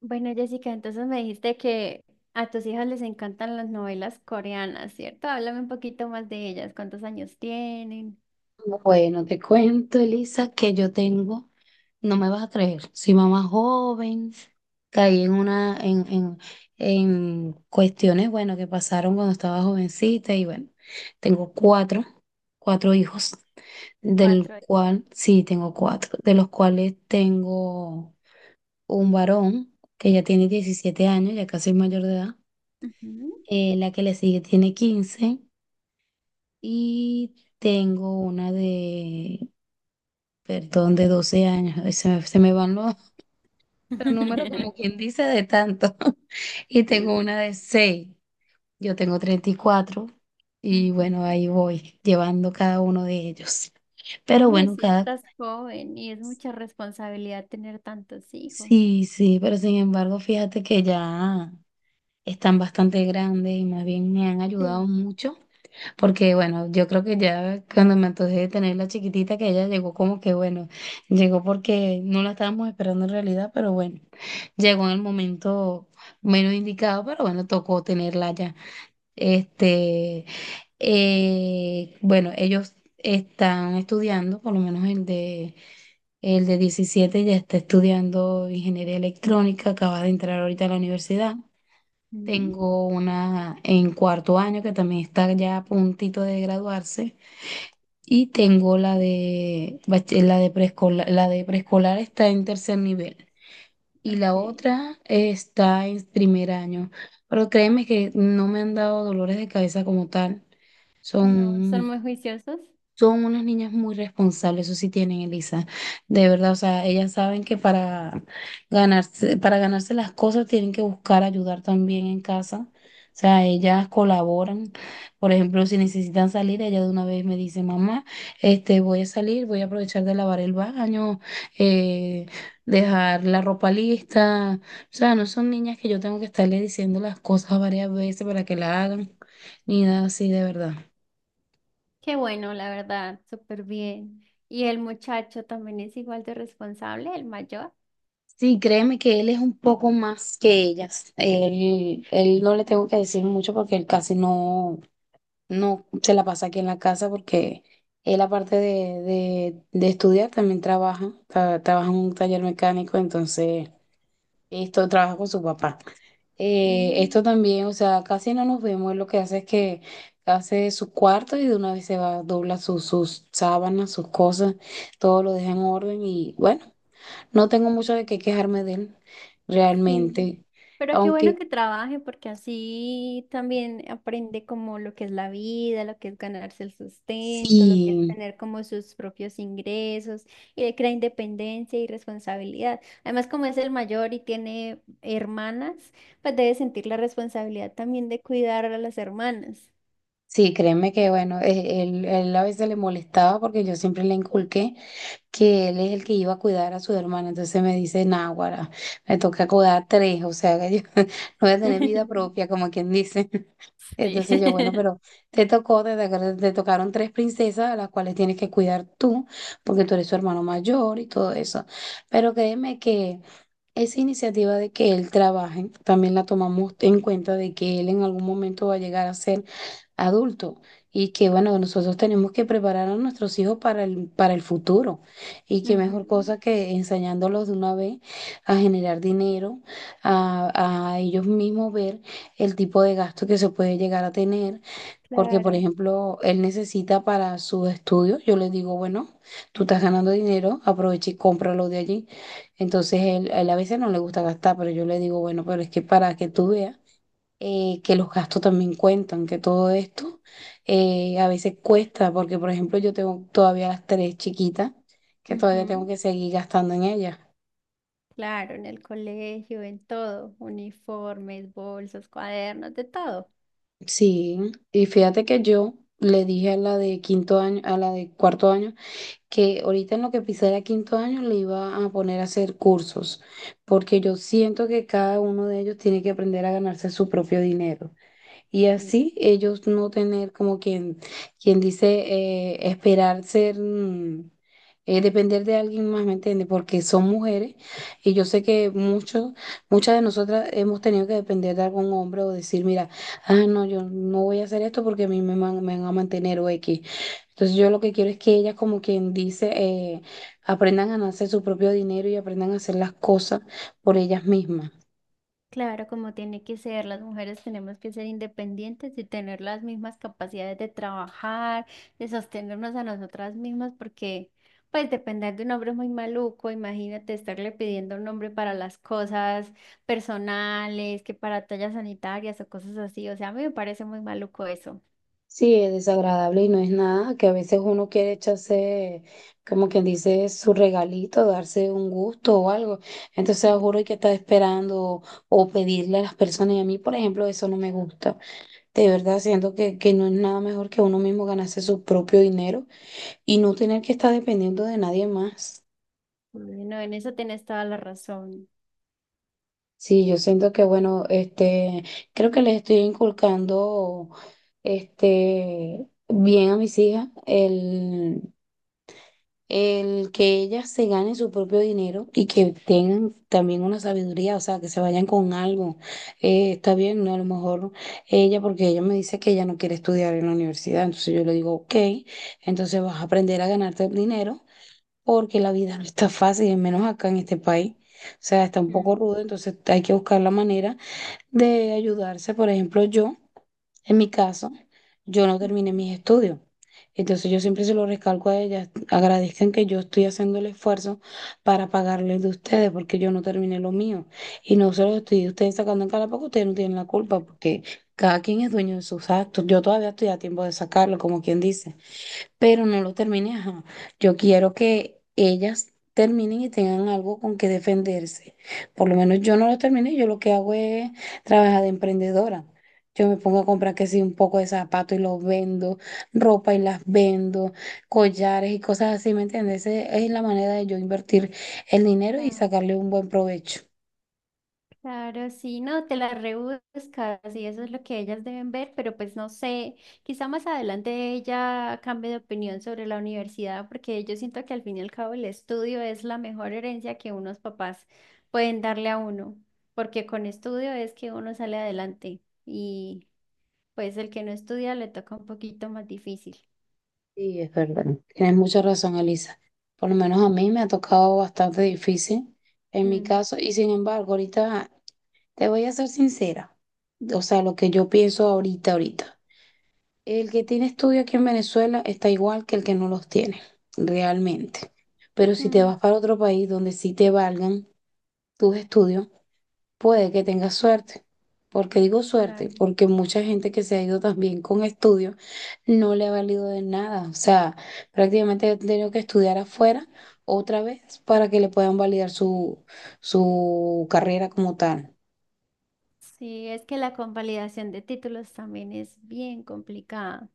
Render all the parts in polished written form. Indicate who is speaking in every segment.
Speaker 1: Bueno, Jessica, entonces me dijiste que a tus hijas les encantan las novelas coreanas, ¿cierto? Háblame un poquito más de ellas. ¿Cuántos años tienen?
Speaker 2: Bueno, te cuento, Elisa, que yo tengo, no me vas a creer, soy mamá joven. Caí en una, en cuestiones, bueno, que pasaron cuando estaba jovencita. Y bueno, tengo cuatro hijos, del
Speaker 1: Cuatro.
Speaker 2: cual, sí, tengo cuatro, de los cuales tengo un varón que ya tiene 17 años, ya casi es mayor de edad.
Speaker 1: Ujú.
Speaker 2: La que le sigue tiene 15 y tengo una de, perdón, de 12 años. Ay, se me van los, los números, como quien dice, de tanto. Y
Speaker 1: Sí,
Speaker 2: tengo
Speaker 1: sí.
Speaker 2: una de 6. Yo tengo 34, y bueno,
Speaker 1: Ujú.
Speaker 2: ahí voy llevando cada uno de ellos. Pero
Speaker 1: Bueno,
Speaker 2: bueno,
Speaker 1: sí
Speaker 2: cada...
Speaker 1: estás joven y es mucha responsabilidad tener tantos hijos.
Speaker 2: Sí, sí, pero sin embargo, fíjate que ya están bastante grandes y más bien me han ayudado
Speaker 1: Sí.
Speaker 2: mucho. Porque bueno, yo creo que ya cuando me antojé de tener la chiquitita, que ella llegó como que bueno, llegó porque no la estábamos esperando en realidad, pero bueno, llegó en el momento menos indicado, pero bueno, tocó tenerla ya. Este, bueno, ellos están estudiando. Por lo menos el de 17 ya está estudiando ingeniería electrónica, acaba de entrar ahorita a la universidad.
Speaker 1: Ujú.
Speaker 2: Tengo una en cuarto año que también está ya a puntito de graduarse. Y tengo la de preescolar está en tercer nivel y la
Speaker 1: Ok.
Speaker 2: otra está en primer año. Pero créeme que no me han dado dolores de cabeza como tal.
Speaker 1: No, son
Speaker 2: Son
Speaker 1: muy juiciosos.
Speaker 2: son unas niñas muy responsables, eso sí tienen, Elisa. De verdad, o sea, ellas saben que para ganarse las cosas tienen que buscar ayudar también en casa. O sea, ellas colaboran. Por ejemplo, si necesitan salir, ella de una vez me dice, mamá, este, voy a salir, voy a aprovechar de lavar el baño, eh, dejar la ropa lista. O sea, no son niñas que yo tengo que estarle diciendo las cosas varias veces para que la hagan, ni nada así, de verdad.
Speaker 1: Qué bueno, la verdad, súper bien. ¿Y el muchacho también es igual de responsable, el mayor?
Speaker 2: Sí, créeme que él es un poco más que ellas. Él no le tengo que decir mucho porque él casi no se la pasa aquí en la casa porque él aparte de estudiar también trabaja, trabaja en un taller mecánico. Entonces esto trabaja con su papá. Esto
Speaker 1: Mm.
Speaker 2: también, o sea, casi no nos vemos. Él lo que hace es que hace su cuarto y de una vez se va, dobla sus sábanas, sus cosas, todo lo deja en orden y bueno. No tengo mucho de qué quejarme de él,
Speaker 1: Sí.
Speaker 2: realmente.
Speaker 1: Pero qué bueno
Speaker 2: Aunque
Speaker 1: que trabaje porque así también aprende como lo que es la vida, lo que es ganarse el sustento, lo que es
Speaker 2: sí,
Speaker 1: tener como sus propios ingresos y le crea independencia y responsabilidad. Además, como es el mayor y tiene hermanas, pues debe sentir la responsabilidad también de cuidar a las hermanas.
Speaker 2: sí, créeme que bueno, él a veces le molestaba porque yo siempre le inculqué que él es el que iba a cuidar a su hermana. Entonces me dice, náguara, me toca cuidar a tres, o sea que yo no voy a tener vida propia, como quien dice.
Speaker 1: Sí.
Speaker 2: Entonces yo, bueno, pero te tocaron tres princesas a las cuales tienes que cuidar tú, porque tú eres su hermano mayor y todo eso. Pero créeme que esa iniciativa de que él trabaje también la tomamos en cuenta, de que él en algún momento va a llegar a ser adulto, y que bueno, nosotros tenemos que preparar a nuestros hijos para el futuro y qué mejor
Speaker 1: Ujú,
Speaker 2: cosa que enseñándolos de una vez a generar dinero, a ellos mismos ver el tipo de gasto que se puede llegar a tener, porque, por
Speaker 1: claro.
Speaker 2: ejemplo, él necesita para sus estudios, yo le digo, bueno, tú estás ganando dinero, aprovecha y cómpralo de allí. Entonces, él, a él a veces no le gusta gastar, pero yo le digo, bueno, pero es que para que tú veas que los gastos también cuentan, que todo esto a veces cuesta, porque, por ejemplo, yo tengo todavía las tres chiquitas, que todavía tengo
Speaker 1: Ujú.
Speaker 2: que seguir gastando en ellas.
Speaker 1: Claro, en el colegio, en todo, uniformes, bolsos, cuadernos, de todo.
Speaker 2: Sí, y fíjate que yo le dije a la de quinto año, a la de cuarto año, que ahorita en lo que pisara quinto año le iba a poner a hacer cursos, porque yo siento que cada uno de ellos tiene que aprender a ganarse su propio dinero y
Speaker 1: Y
Speaker 2: así ellos no tener como quien dice, depender de alguien más, ¿me entiendes? Porque son mujeres y yo sé que muchas de nosotras hemos tenido que depender de algún hombre o decir, mira, ah, no, yo no voy a hacer esto porque a mí me van a mantener o X. Entonces yo lo que quiero es que ellas, como quien dice, aprendan a ganarse su propio dinero y aprendan a hacer las cosas por ellas mismas.
Speaker 1: claro, como tiene que ser, las mujeres tenemos que ser independientes y tener las mismas capacidades de trabajar, de sostenernos a nosotras mismas, porque pues depender de un hombre es muy maluco, imagínate estarle pidiendo a un hombre para las cosas personales, que para tallas sanitarias o cosas así, o sea, a mí me parece muy maluco eso.
Speaker 2: Sí, es desagradable y no es nada, que a veces uno quiere echarse, como quien dice, su regalito, darse un gusto o algo. Entonces
Speaker 1: Ujú.
Speaker 2: juro que está esperando o pedirle a las personas. Y a mí, por ejemplo, eso no me gusta. De verdad, siento que no es nada mejor que uno mismo ganarse su propio dinero y no tener que estar dependiendo de nadie más.
Speaker 1: Bueno, en eso tienes toda la razón.
Speaker 2: Sí, yo siento que bueno, este, creo que les estoy inculcando este bien a mis hijas el que ellas se ganen su propio dinero y que tengan también una sabiduría, o sea, que se vayan con algo. Está bien, ¿no? A lo mejor ella, porque ella me dice que ella no quiere estudiar en la universidad, entonces yo le digo, ok, entonces vas a aprender a ganarte el dinero porque la vida no está fácil, y menos acá en este país. O sea, está un poco
Speaker 1: Mm.
Speaker 2: rudo, entonces hay que buscar la manera de ayudarse. Por ejemplo, yo, en mi caso, yo no terminé
Speaker 1: Ujú.
Speaker 2: mis estudios. Entonces yo siempre se lo recalco a ellas, agradezcan que yo estoy haciendo el esfuerzo para pagarles de ustedes, porque yo no terminé lo mío. Y no se los estoy ustedes sacando en cara porque ustedes no tienen la culpa, porque cada quien es dueño de sus actos. Yo todavía estoy a tiempo de sacarlo, como quien dice, pero no lo termine, ajá. Yo quiero que ellas terminen y tengan algo con que defenderse. Por lo menos yo no lo terminé, yo lo que hago es trabajar de emprendedora. Yo me pongo a comprar que sí, un poco de zapatos y los vendo, ropa y las vendo, collares y cosas así, ¿me entiendes? Esa es la manera de yo invertir el dinero y
Speaker 1: Ah,
Speaker 2: sacarle un buen provecho.
Speaker 1: claro, sí, no, te las rebuscas y eso es lo que ellas deben ver, pero pues no sé, quizá más adelante ella cambie de opinión sobre la universidad, porque yo siento que al fin y al cabo el estudio es la mejor herencia que unos papás pueden darle a uno, porque con estudio es que uno sale adelante y pues el que no estudia le toca un poquito más difícil.
Speaker 2: Sí, es verdad. Tienes mucha razón, Elisa. Por lo menos a mí me ha tocado bastante difícil en mi
Speaker 1: Mm,
Speaker 2: caso y sin embargo, ahorita. Te voy a ser sincera, o sea, lo que yo pienso ahorita, ahorita. El que tiene estudios aquí en Venezuela está igual que el que no los tiene, realmente. Pero si te
Speaker 1: mm,
Speaker 2: vas para otro país donde sí te valgan tus estudios, puede que tengas suerte. ¿Porque digo suerte?
Speaker 1: claro.
Speaker 2: Porque mucha gente que se ha ido también con estudios no le ha valido de nada. O sea, prácticamente ha tenido que estudiar afuera otra vez para que le puedan validar su carrera como tal.
Speaker 1: Sí, es que la convalidación de títulos también es bien complicada.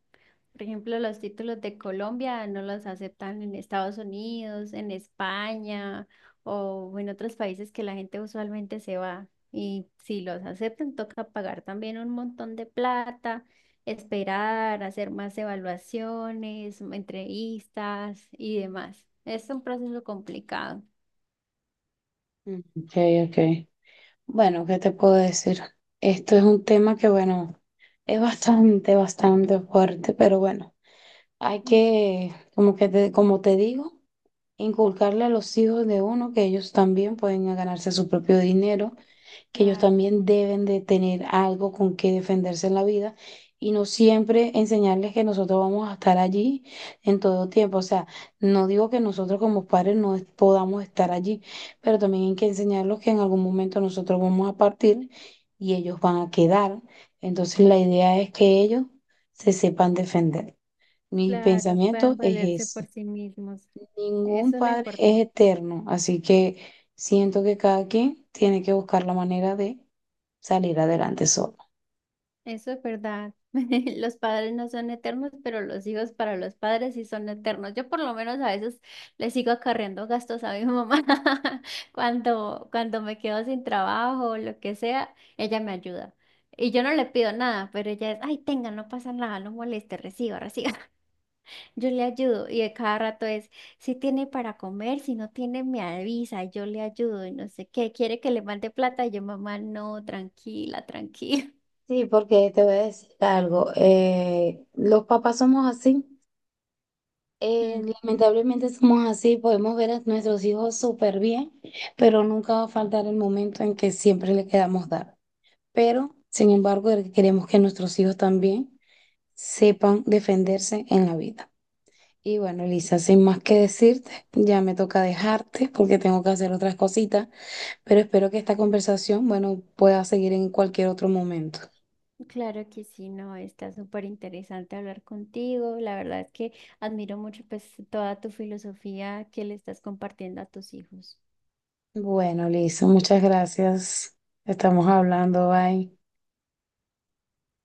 Speaker 1: Por ejemplo, los títulos de Colombia no los aceptan en Estados Unidos, en España o en otros países que la gente usualmente se va. Y si los aceptan, toca pagar también un montón de plata, esperar, hacer más evaluaciones, entrevistas y demás. Es un proceso complicado.
Speaker 2: Mm, ok, ok. Bueno, ¿qué te puedo decir? Esto es un tema que, bueno, es bastante, bastante fuerte, pero bueno, hay
Speaker 1: Mm,
Speaker 2: que, como te digo, inculcarle a los hijos de uno que ellos también pueden ganarse su propio dinero, que ellos
Speaker 1: claro,
Speaker 2: también deben de tener algo con que defenderse en la vida y no siempre enseñarles que nosotros vamos a estar allí en todo tiempo. O sea, no digo que nosotros como padres no podamos estar allí, pero también hay que enseñarlos que en algún momento nosotros vamos a partir y ellos van a quedar. Entonces la idea es que ellos se sepan defender. Mi
Speaker 1: claro,
Speaker 2: pensamiento
Speaker 1: puedan
Speaker 2: es
Speaker 1: valerse
Speaker 2: ese.
Speaker 1: por sí mismos.
Speaker 2: Ningún
Speaker 1: Eso es lo
Speaker 2: padre es
Speaker 1: importante.
Speaker 2: eterno, así que siento que cada quien tiene que buscar la manera de salir adelante solo.
Speaker 1: Eso es verdad. Los padres no son eternos, pero los hijos para los padres sí son eternos. Yo por lo menos a veces le sigo acarreando gastos a mi mamá. Cuando me quedo sin trabajo o lo que sea, ella me ayuda. Y yo no le pido nada, pero ella es, ay, tenga, no pasa nada, no moleste, reciba, reciba. Yo le ayudo y de cada rato es, si tiene para comer, si no tiene, me avisa, y yo le ayudo y no sé qué, quiere que le mande plata, y yo, mamá, no, tranquila, tranquila.
Speaker 2: Sí, porque te voy a decir algo. Los papás somos así. Lamentablemente somos así. Podemos ver a nuestros hijos súper bien, pero nunca va a faltar el momento en que siempre le queramos dar. Pero, sin embargo, queremos que nuestros hijos también sepan defenderse en la vida. Y bueno, Elisa, sin más que decirte, ya me toca dejarte porque tengo que hacer otras cositas, pero espero que esta conversación, bueno, pueda seguir en cualquier otro momento.
Speaker 1: Claro que sí, no, está súper interesante hablar contigo. La verdad es que admiro mucho pues toda tu filosofía que le estás compartiendo a tus hijos.
Speaker 2: Bueno, Elisa, muchas gracias. Estamos hablando, bye.